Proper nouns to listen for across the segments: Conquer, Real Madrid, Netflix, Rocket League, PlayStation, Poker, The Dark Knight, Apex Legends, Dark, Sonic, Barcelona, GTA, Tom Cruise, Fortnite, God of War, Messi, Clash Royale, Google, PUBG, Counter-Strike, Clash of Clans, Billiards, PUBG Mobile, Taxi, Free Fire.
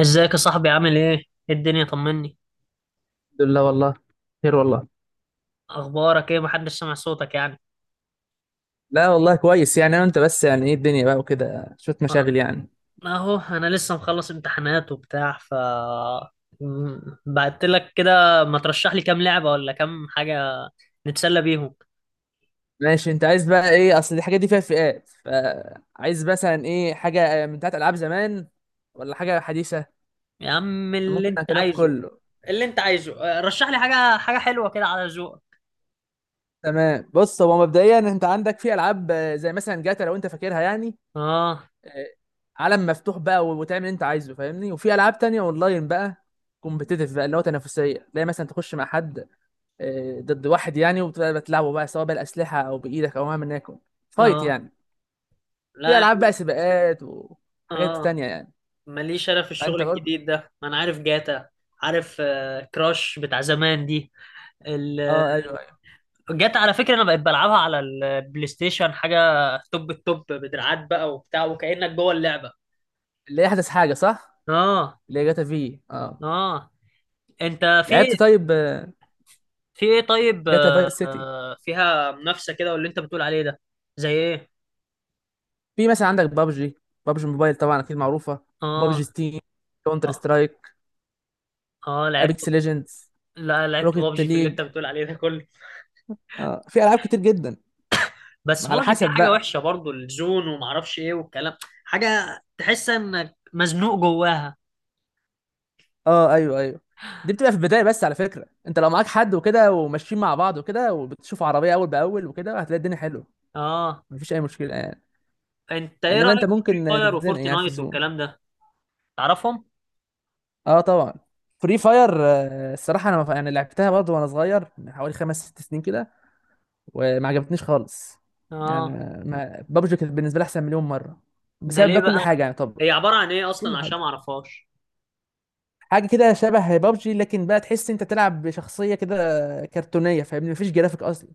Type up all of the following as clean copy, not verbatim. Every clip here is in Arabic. ازيك يا صاحبي؟ عامل ايه؟ ايه الدنيا؟ طمني. الحمد لله والله، خير والله. اخبارك ايه؟ محدش سمع صوتك يعني. لا والله كويس يعني، انا وانت بس يعني، ايه الدنيا بقى وكده، شوية أه، مشاغل يعني. اهو انا لسه مخلص امتحانات وبتاع. بعت لك كده. ما ترشح لي كام لعبة ولا كام حاجة نتسلى بيهم. ماشي، انت عايز بقى ايه؟ اصل الحاجات دي فيها فئات، فعايز مثلا ايه؟ حاجة من بتاعت العاب زمان ولا حاجة حديثة؟ يا عم اللي ممكن انت اعتلاف عايزه. كله. اللي انت عايزه. رشح لي حاجة حلوة كده على ذوقك. تمام، بص، هو مبدئيا انت عندك في العاب، زي مثلا جاتا لو انت فاكرها يعني. اه. آه، عالم مفتوح بقى وتعمل اللي انت عايزه، فاهمني؟ وفي العاب تانية اونلاين بقى، كومبيتيتيف بقى، اللي هو تنافسية، اللي هي مثلا تخش مع حد، ضد واحد يعني، وبتبقى بتلعبه بقى سواء بالأسلحة أو بإيدك أو مهما يكن، فايت اه. يعني. لا في يا ألعاب بقى عم. سباقات وحاجات اه، تانية يعني. ماليش. انا في الشغل فأنت برضه. الجديد ده، ما انا عارف جاتا. عارف. كراش بتاع زمان دي أه، أيوه أيوه. جت على فكرة. انا بقيت بلعبها على البلاي ستيشن، حاجة توب التوب، بدراعات بقى وبتاع وكأنك جوه اللعبة. اللي هي أحدث حاجة، صح؟ اه. اللي هي جاتا في. اه. انت في لعبت طيب، في ايه؟ طيب، جاتا فايس سيتي. فيها منافسة كده واللي انت بتقول عليه ده؟ زي ايه؟ في مثلا عندك بابجي، بابجي موبايل طبعا أكيد معروفة، بابجي اه. ستيم، كونتر اه. سترايك، اه لعبت. أبيكس ليجندز، لا، لعبت روكيت بابجي. في اللي انت ليج. بتقول عليه ده كله. أه، في ألعاب كتير جدا، بس على بابجي فيها حسب حاجة بقى. وحشة برضو، الزون ومعرفش ايه والكلام. حاجة تحس انك مزنوق جواها. اه، ايوه ايوه. دي بتبقى في البدايه بس. على فكره، انت لو معاك حد وكده وماشيين مع بعض وكده وبتشوف عربيه اول باول وكده، هتلاقي الدنيا حلوه، اه. مفيش اي مشكله يعني. انت ايه انما انت رأيك في ممكن فري فاير تتزنق يعني في وفورتنايت الزوم. والكلام ده؟ تعرفهم؟ اه، طبعا. فري فاير، الصراحه، انا يعني لعبتها برضه وانا صغير من حوالي خمس ست سنين كده، وما عجبتنيش خالص. يعني اه. بابجي كانت بالنسبه لي احسن مليون مره، ده بسبب ليه بقى كل بقى؟ حاجه يعني طبعا. هي عبارة عن ايه اصلا كل عشان حاجه، ما اعرفهاش. حاجه كده شبه بابجي، لكن بقى تحس انت تلعب بشخصيه كده كرتونيه، فاهمني؟ مفيش جرافيك اصلا.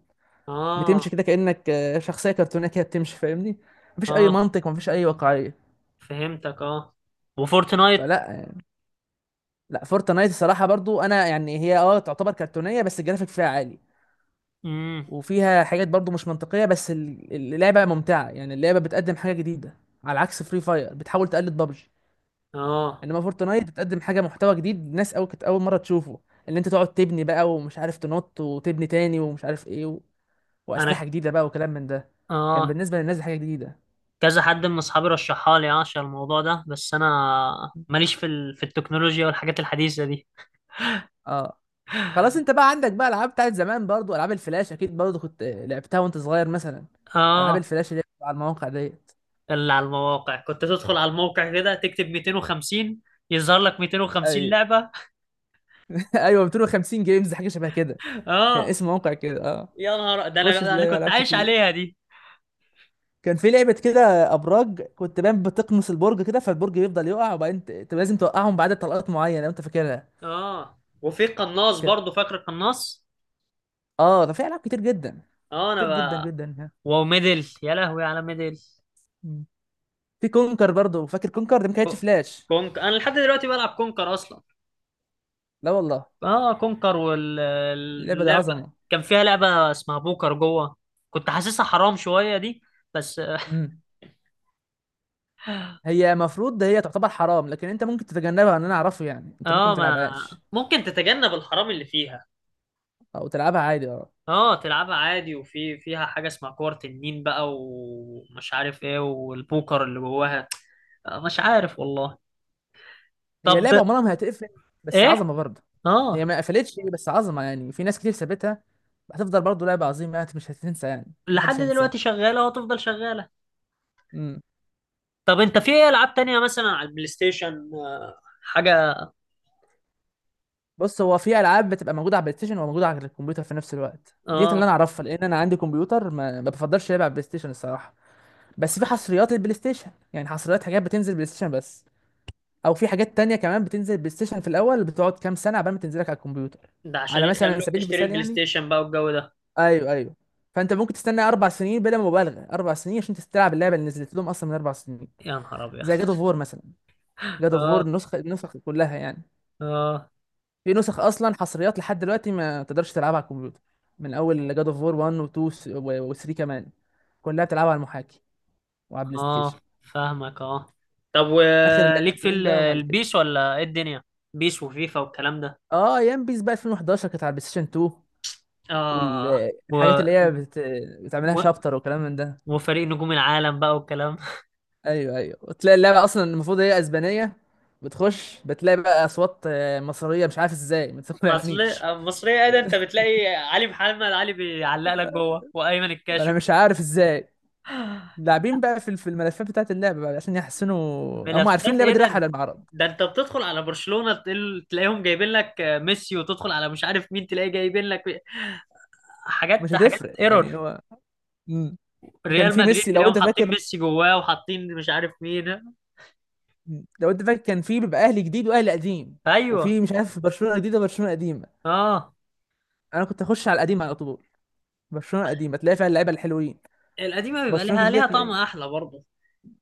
بتمشي اه. كده كأنك، شخصية كرتونية كده بتمشي، فاهمني؟ مفيش اه. أي منطق، مفيش أي واقعية، فهمتك. اه. وفورتنايت؟ فلا يعني. لا، فورتنايت الصراحة برضو، أنا يعني، هي تعتبر كرتونية بس الجرافيك فيها عالي، امم وفيها حاجات برضو مش منطقية، بس اللعبة ممتعة، يعني اللعبة بتقدم حاجة جديدة، على عكس فري فاير بتحاول تقلد بابجي. اه. إنما فورتنايت بتقدم حاجة، محتوى جديد، ناس أول كانت أول مرة تشوفه، اللي أنت تقعد تبني بقى ومش عارف تنط وتبني تاني ومش عارف إيه، وأسلحة انا، جديدة بقى وكلام من ده، كان اه بالنسبة للناس دي حاجة جديدة. كذا حد من اصحابي رشحها لي عشان الموضوع ده، بس انا ماليش في في التكنولوجيا والحاجات الحديثة دي. اه، خلاص، انت بقى عندك بقى العاب بتاعت زمان برضو، العاب الفلاش اكيد برضو كنت لعبتها وانت صغير مثلا. العاب اه. الفلاش اللي هي بتبقى على المواقع ديت. اللي على المواقع، كنت تدخل على الموقع كده، تكتب 250 يظهر لك 250 ايوه، لعبة. ايوه، 250 جيمز حاجه شبه كده. كان اه. اسم موقع كده، اه. يا نهار ده انا تخش ده انا تلاقي كنت العاب عايش كتير. عليها دي. كان في لعبه كده، ابراج، كنت بقى بتقمص البرج كده فالبرج يفضل يقع، وبعدين لازم توقعهم بعدد طلقات معينه لو انت فاكرها اه. وفي قناص كده. برضو، فاكر القناص؟ اه، ده في العاب كتير جدا، اه. كتير جدا انا، جدا، ها. وميدل، يا لهوي على ميدل! مم. في كونكر برضو، فاكر كونكر؟ ده ما كانتش كو- فلاش. كونك، انا لحد دلوقتي بلعب كونكر اصلا. لا والله، اه، كونكر. اللعبه دي واللعبه عظمه. كان فيها لعبه اسمها بوكر جوه. كنت حاسسها حرام شويه دي، بس. مم. هي مفروض ده، هي تعتبر حرام، لكن انت ممكن تتجنبها، ان انا اعرفه يعني، انت ممكن اه ما ما تلعبهاش ممكن تتجنب الحرام اللي فيها. او تلعبها عادي، اه. اه، تلعبها عادي. وفي فيها حاجه اسمها كور تنين بقى ومش عارف ايه والبوكر اللي جواها. مش عارف والله. هي طب، لعبه عمرها ما هتقفل، بس ايه. عظمه برضه. هي اه، ما قفلتش، بس عظمه يعني، في ناس كتير سابتها، هتفضل برضه لعبه عظيمه، انت مش هتنسى يعني، لحد محدش دلوقتي هينساها. شغاله وهتفضل شغاله. امم. طب انت في ايه العاب تانية مثلا على البلاي ستيشن، حاجة؟ بص، هو في العاب بتبقى موجوده على البلاي ستيشن وموجوده على الكمبيوتر في نفس الوقت، ديت اللي انا اه، اعرفها، لان انا عندي كمبيوتر، ما بفضلش العب على البلاي ستيشن الصراحه. بس في حصريات للبلاي ستيشن، يعني حصريات، حاجات بتنزل بلاي ستيشن بس، او في حاجات تانية كمان بتنزل بلاي ستيشن في الاول، بتقعد كام سنه عبال ما تنزلك على الكمبيوتر. ده عشان على مثلا يخلوك سبيل تشتري المثال البلاي يعني. ستيشن بقى والجو ده. ايوه ايوه. فانت ممكن تستنى 4 سنين بلا مبالغه، 4 سنين، عشان تستلعب اللعبه اللي نزلت لهم اصلا من 4 سنين، يا نهار ابيض! زي جاد اوف وور مثلا. جاد اوف وور اه. النسخ كلها يعني، اه. في نسخ اصلا حصريات لحد دلوقتي ما تقدرش تلعبها على الكمبيوتر، من اول جاد اوف وور 1 و2 و3 كمان، كلها بتلعبها على المحاكي وعلى بلاي ستيشن. اه، فاهمك. اه. طب اخر وليك في اللعبتين بقى هما اللي كده. البيس، ولا ايه الدنيا؟ بيس وفيفا والكلام ده؟ اه، ايام بيس بقى 2011 كانت على بلاي ستيشن 2، اه. و... والحاجات اللي هي بتعملها و... شابتر وكلام من ده. وفريق نجوم العالم بقى والكلام. ايوه ايوه، وتلاقي اللعبه اصلا المفروض هي اسبانيه، بتخش بتلاقي بقى اصوات مصريه، مش عارف ازاي، ما اصل، تقنعنيش. مصرية ايه ده؟ انت بتلاقي علي محمد علي بيعلق لك جوه، وايمن انا الكاشف. مش عارف ازاي. لاعبين بقى في الملفات بتاعت اللعبه بقى عشان يحسنوا، هم عارفين ملفات اللعبه ايه دي رايحه ده؟ على المعرض. ده انت بتدخل على برشلونة، تلاقيهم جايبين لك، ميسي، وتدخل على مش عارف مين، تلاقي جايبين لك مش حاجات، حاجات هتفرق يعني ايرور. هو. مم. وكان ريال في مدريد ميسي لو تلاقيهم انت حاطين فاكر. ميسي جواه، وحاطين مش عارف مين. مم. لو انت فاكر، كان في بيبقى اهلي جديد واهلي قديم، ايوه. وفي مش عارف برشلونه جديده، برشلونه قديمه، اه. انا كنت اخش على القديم على طول. برشلونه قديمه تلاقي فيها اللعيبه الحلوين. القديمة بيبقى برشلونه ليها الجديده ليها طعم تلاقي احلى برضه.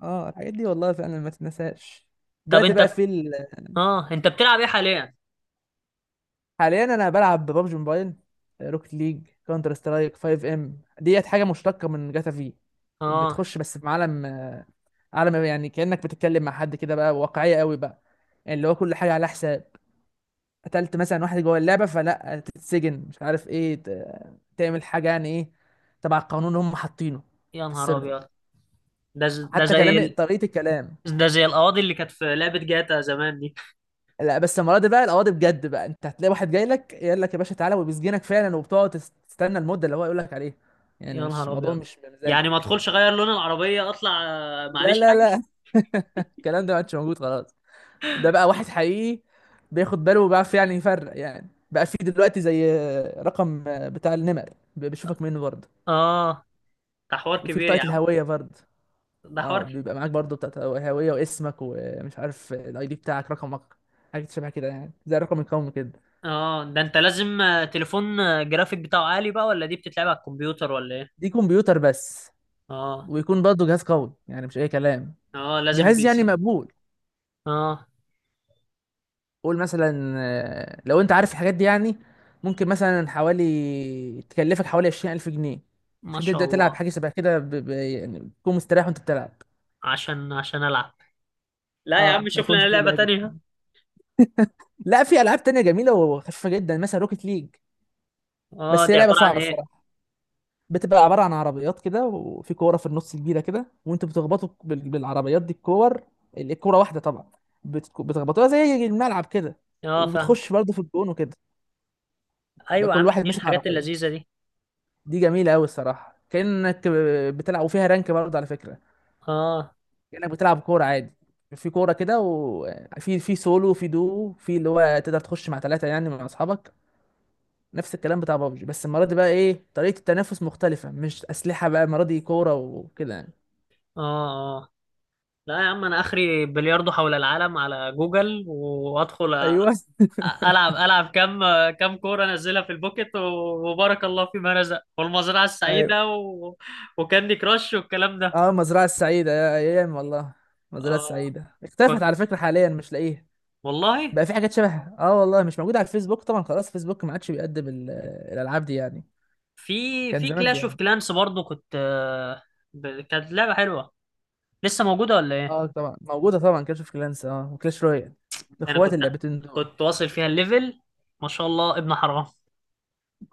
اه، الحاجات دي والله فعلا ما تتنساش. طب دلوقتي انت بقى في ال... اه، انت بتلعب ايه حاليا؟ حاليا انا بلعب ببجي موبايل، روكت ليج، كونتر سترايك، 5 ام، ديت حاجه مشتقه من جاتا في، اه. بتخش بس في عالم، عالم يعني كانك بتتكلم مع حد كده بقى، واقعيه قوي بقى، يعني اللي هو كل حاجه على حساب، قتلت مثلا واحد جوه اللعبه فلا تتسجن، مش عارف ايه، تعمل حاجه يعني، ايه تبع القانون اللي هم حاطينه يا في نهار السيرفر، ابيض! ده حتى زي كلام، طريقه الكلام. ده زي القواضي اللي كانت في لعبة جاتا زمان دي. لا، بس المره دي بقى القواضي بجد بقى، انت هتلاقي واحد جاي لك يقول لك يا باشا تعالى، وبيسجنك فعلا، وبتقعد تستنى المده اللي هو يقول لك عليها، يعني يا مش نهار موضوع، ابيض! مش يعني ما بمزاجك. ادخلش اغير لون العربية، اطلع، لا معليش لا حاجة. لا، الكلام ده ما عادش موجود خلاص، ده بقى واحد حقيقي، بياخد باله، وبيعرف يعني يفرق يعني، بقى في دلوقتي زي رقم بتاع النمر، بيشوفك منه برضه، اه، ده حوار وفي كبير يا بطاقه عم. الهويه برضه. ده حوار. اه، بيبقى معاك برضه بتاعه، الهويه، واسمك، ومش عارف الاي دي بتاعك، رقمك، حاجه شبه كده يعني زي الرقم القومي كده. اه، ده انت لازم، تليفون، جرافيك بتاعه عالي بقى، ولا دي بتتلعب على الكمبيوتر، ولا ايه؟ دي كمبيوتر بس، اه. ويكون برضه جهاز قوي يعني، مش اي كلام، اه، لازم جهاز بي يعني سي. مقبول، اه. قول مثلا لو انت عارف الحاجات دي يعني، ممكن مثلا حوالي تكلفك حوالي 20000 جنيه، ما عشان شاء تبدا تلعب الله. حاجه شبه كده، يعني تكون مستريح وانت بتلعب. عشان العب. لا يا عم، اه، ما شوف يكونش لنا فيه لعبة لاج. تانية. لا، في العاب تانية جميله وخفيفه جدا، مثلا روكيت ليج، اه، بس هي دي لعبه عبارة عن صعبه ايه؟ الصراحه، بتبقى عبارة عن عربيات كده، وفي كورة في النص كبيرة كده، وانتوا بتخبطوا بالعربيات دي الكور، الكورة واحدة طبعا، بتخبطوها زي الملعب كده، اه، فاهم. وبتخش برضه في الجون وكده، يبقى ايوه يا كل عم، واحد دي ماسك الحاجات عربية. اللذيذة دي. دي جميلة أوي الصراحة، كأنك بتلعب، وفيها رانك برضه على فكرة، اه. كأنك بتلعب كورة عادي، في كورة كده، وفي سولو، وفي دو، في اللي هو تقدر تخش مع 3 يعني مع أصحابك، نفس الكلام بتاع بابجي، بس المرة دي بقى إيه؟ طريقة التنافس مختلفة، مش أسلحة بقى المرة دي، كورة وكده يعني. اه. اه، لا يا عم، انا اخري بلياردو حول العالم على جوجل، وادخل أيوه العب كم كوره انزلها في البوكت، وبارك الله فيما رزق، والمزرعه ايوه. السعيده، وكاندي كراش والكلام ده. اه، المزرعه السعيده، يا ايام والله. المزرعه آه، السعيده اختفت كنت على فكره، حاليا مش لاقيها، والله. بقى في حاجات شبهها، اه والله، مش موجوده على الفيسبوك طبعا، خلاص فيسبوك ما عادش بيقدم الالعاب دي يعني، في كان زمان كلاش اوف بيقدم. كلانس برضه كنت، كانت لعبه حلوه. لسه موجوده ولا ايه؟ اه، طبعا موجوده طبعا، كلاش اوف كلانس، اه، وكلاش رويال، انا اخوات اللعبتين دول. كنت واصل فيها الليفل، ما شاء الله ابن حرام.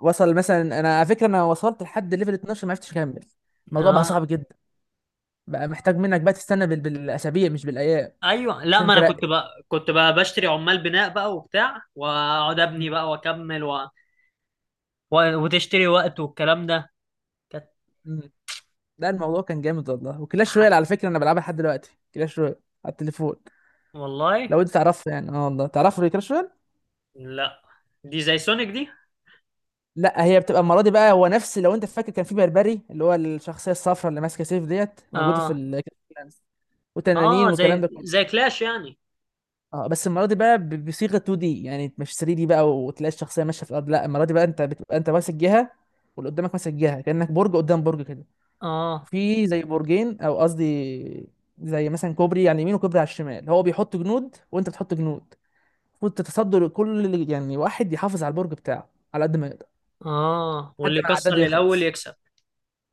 وصل مثلا، انا على فكره انا وصلت لحد ليفل 12، ما عرفتش اكمل، الموضوع بقى اه، صعب جدا، بقى محتاج منك بقى تستنى بالاسابيع مش بالايام، ايوه. لا، ما عشان انا كنت ترقي. بقى بشتري عمال بناء بقى وبتاع، واقعد ابني مم. بقى واكمل، وتشتري وقت والكلام ده. كانت مم. لا، الموضوع كان جامد والله، وكلاش رويال على فكره انا بلعبها لحد دلوقتي، كلاش رويال على التليفون، والله. لو انت تعرفها يعني، اه والله تعرف كلاش رويال. لا، دي زي سونيك دي. لا، هي بتبقى المره دي بقى، هو نفس، لو انت فاكر كان في بربري اللي هو الشخصيه الصفراء اللي ماسكه سيف، ديت موجوده في اه. ال، وتنانين اه، والكلام زي ده كله. زي كلاش يعني. اه، بس المره دي بقى بصيغه 2 دي يعني، مش 3 دي بقى، وتلاقي الشخصيه ماشيه في الارض، لا المره دي بقى انت بتبقى انت ماسك جهه، واللي قدامك ماسك جهه، كانك برج قدام برج كده، اه. في زي برجين، او قصدي زي مثلا كوبري على اليمين وكوبري على الشمال، هو بيحط جنود وانت بتحط جنود، المفروض تتصدر يعني واحد يحافظ على البرج بتاعه على قد ما يقدر، اه، لحد واللي ما يكسر العداد للاول يخلص. يكسب.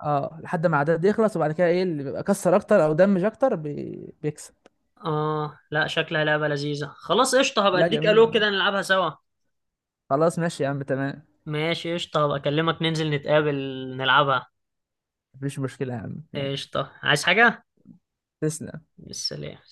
اه، لحد ما العداد يخلص، وبعد كده ايه اللي بيبقى كسر اكتر او دمج اكتر بيكسب. اه، لا شكلها لعبة لذيذة. خلاص قشطة، هبقى لا اديك جميل، الو آه. كده نلعبها سوا. خلاص ماشي يا عم، تمام. ماشي قشطة، هبقى اكلمك ننزل نتقابل نلعبها. مفيش مشكلة يا عم، يلا، قشطة. عايز حاجة؟ تسلم. بالسلامة.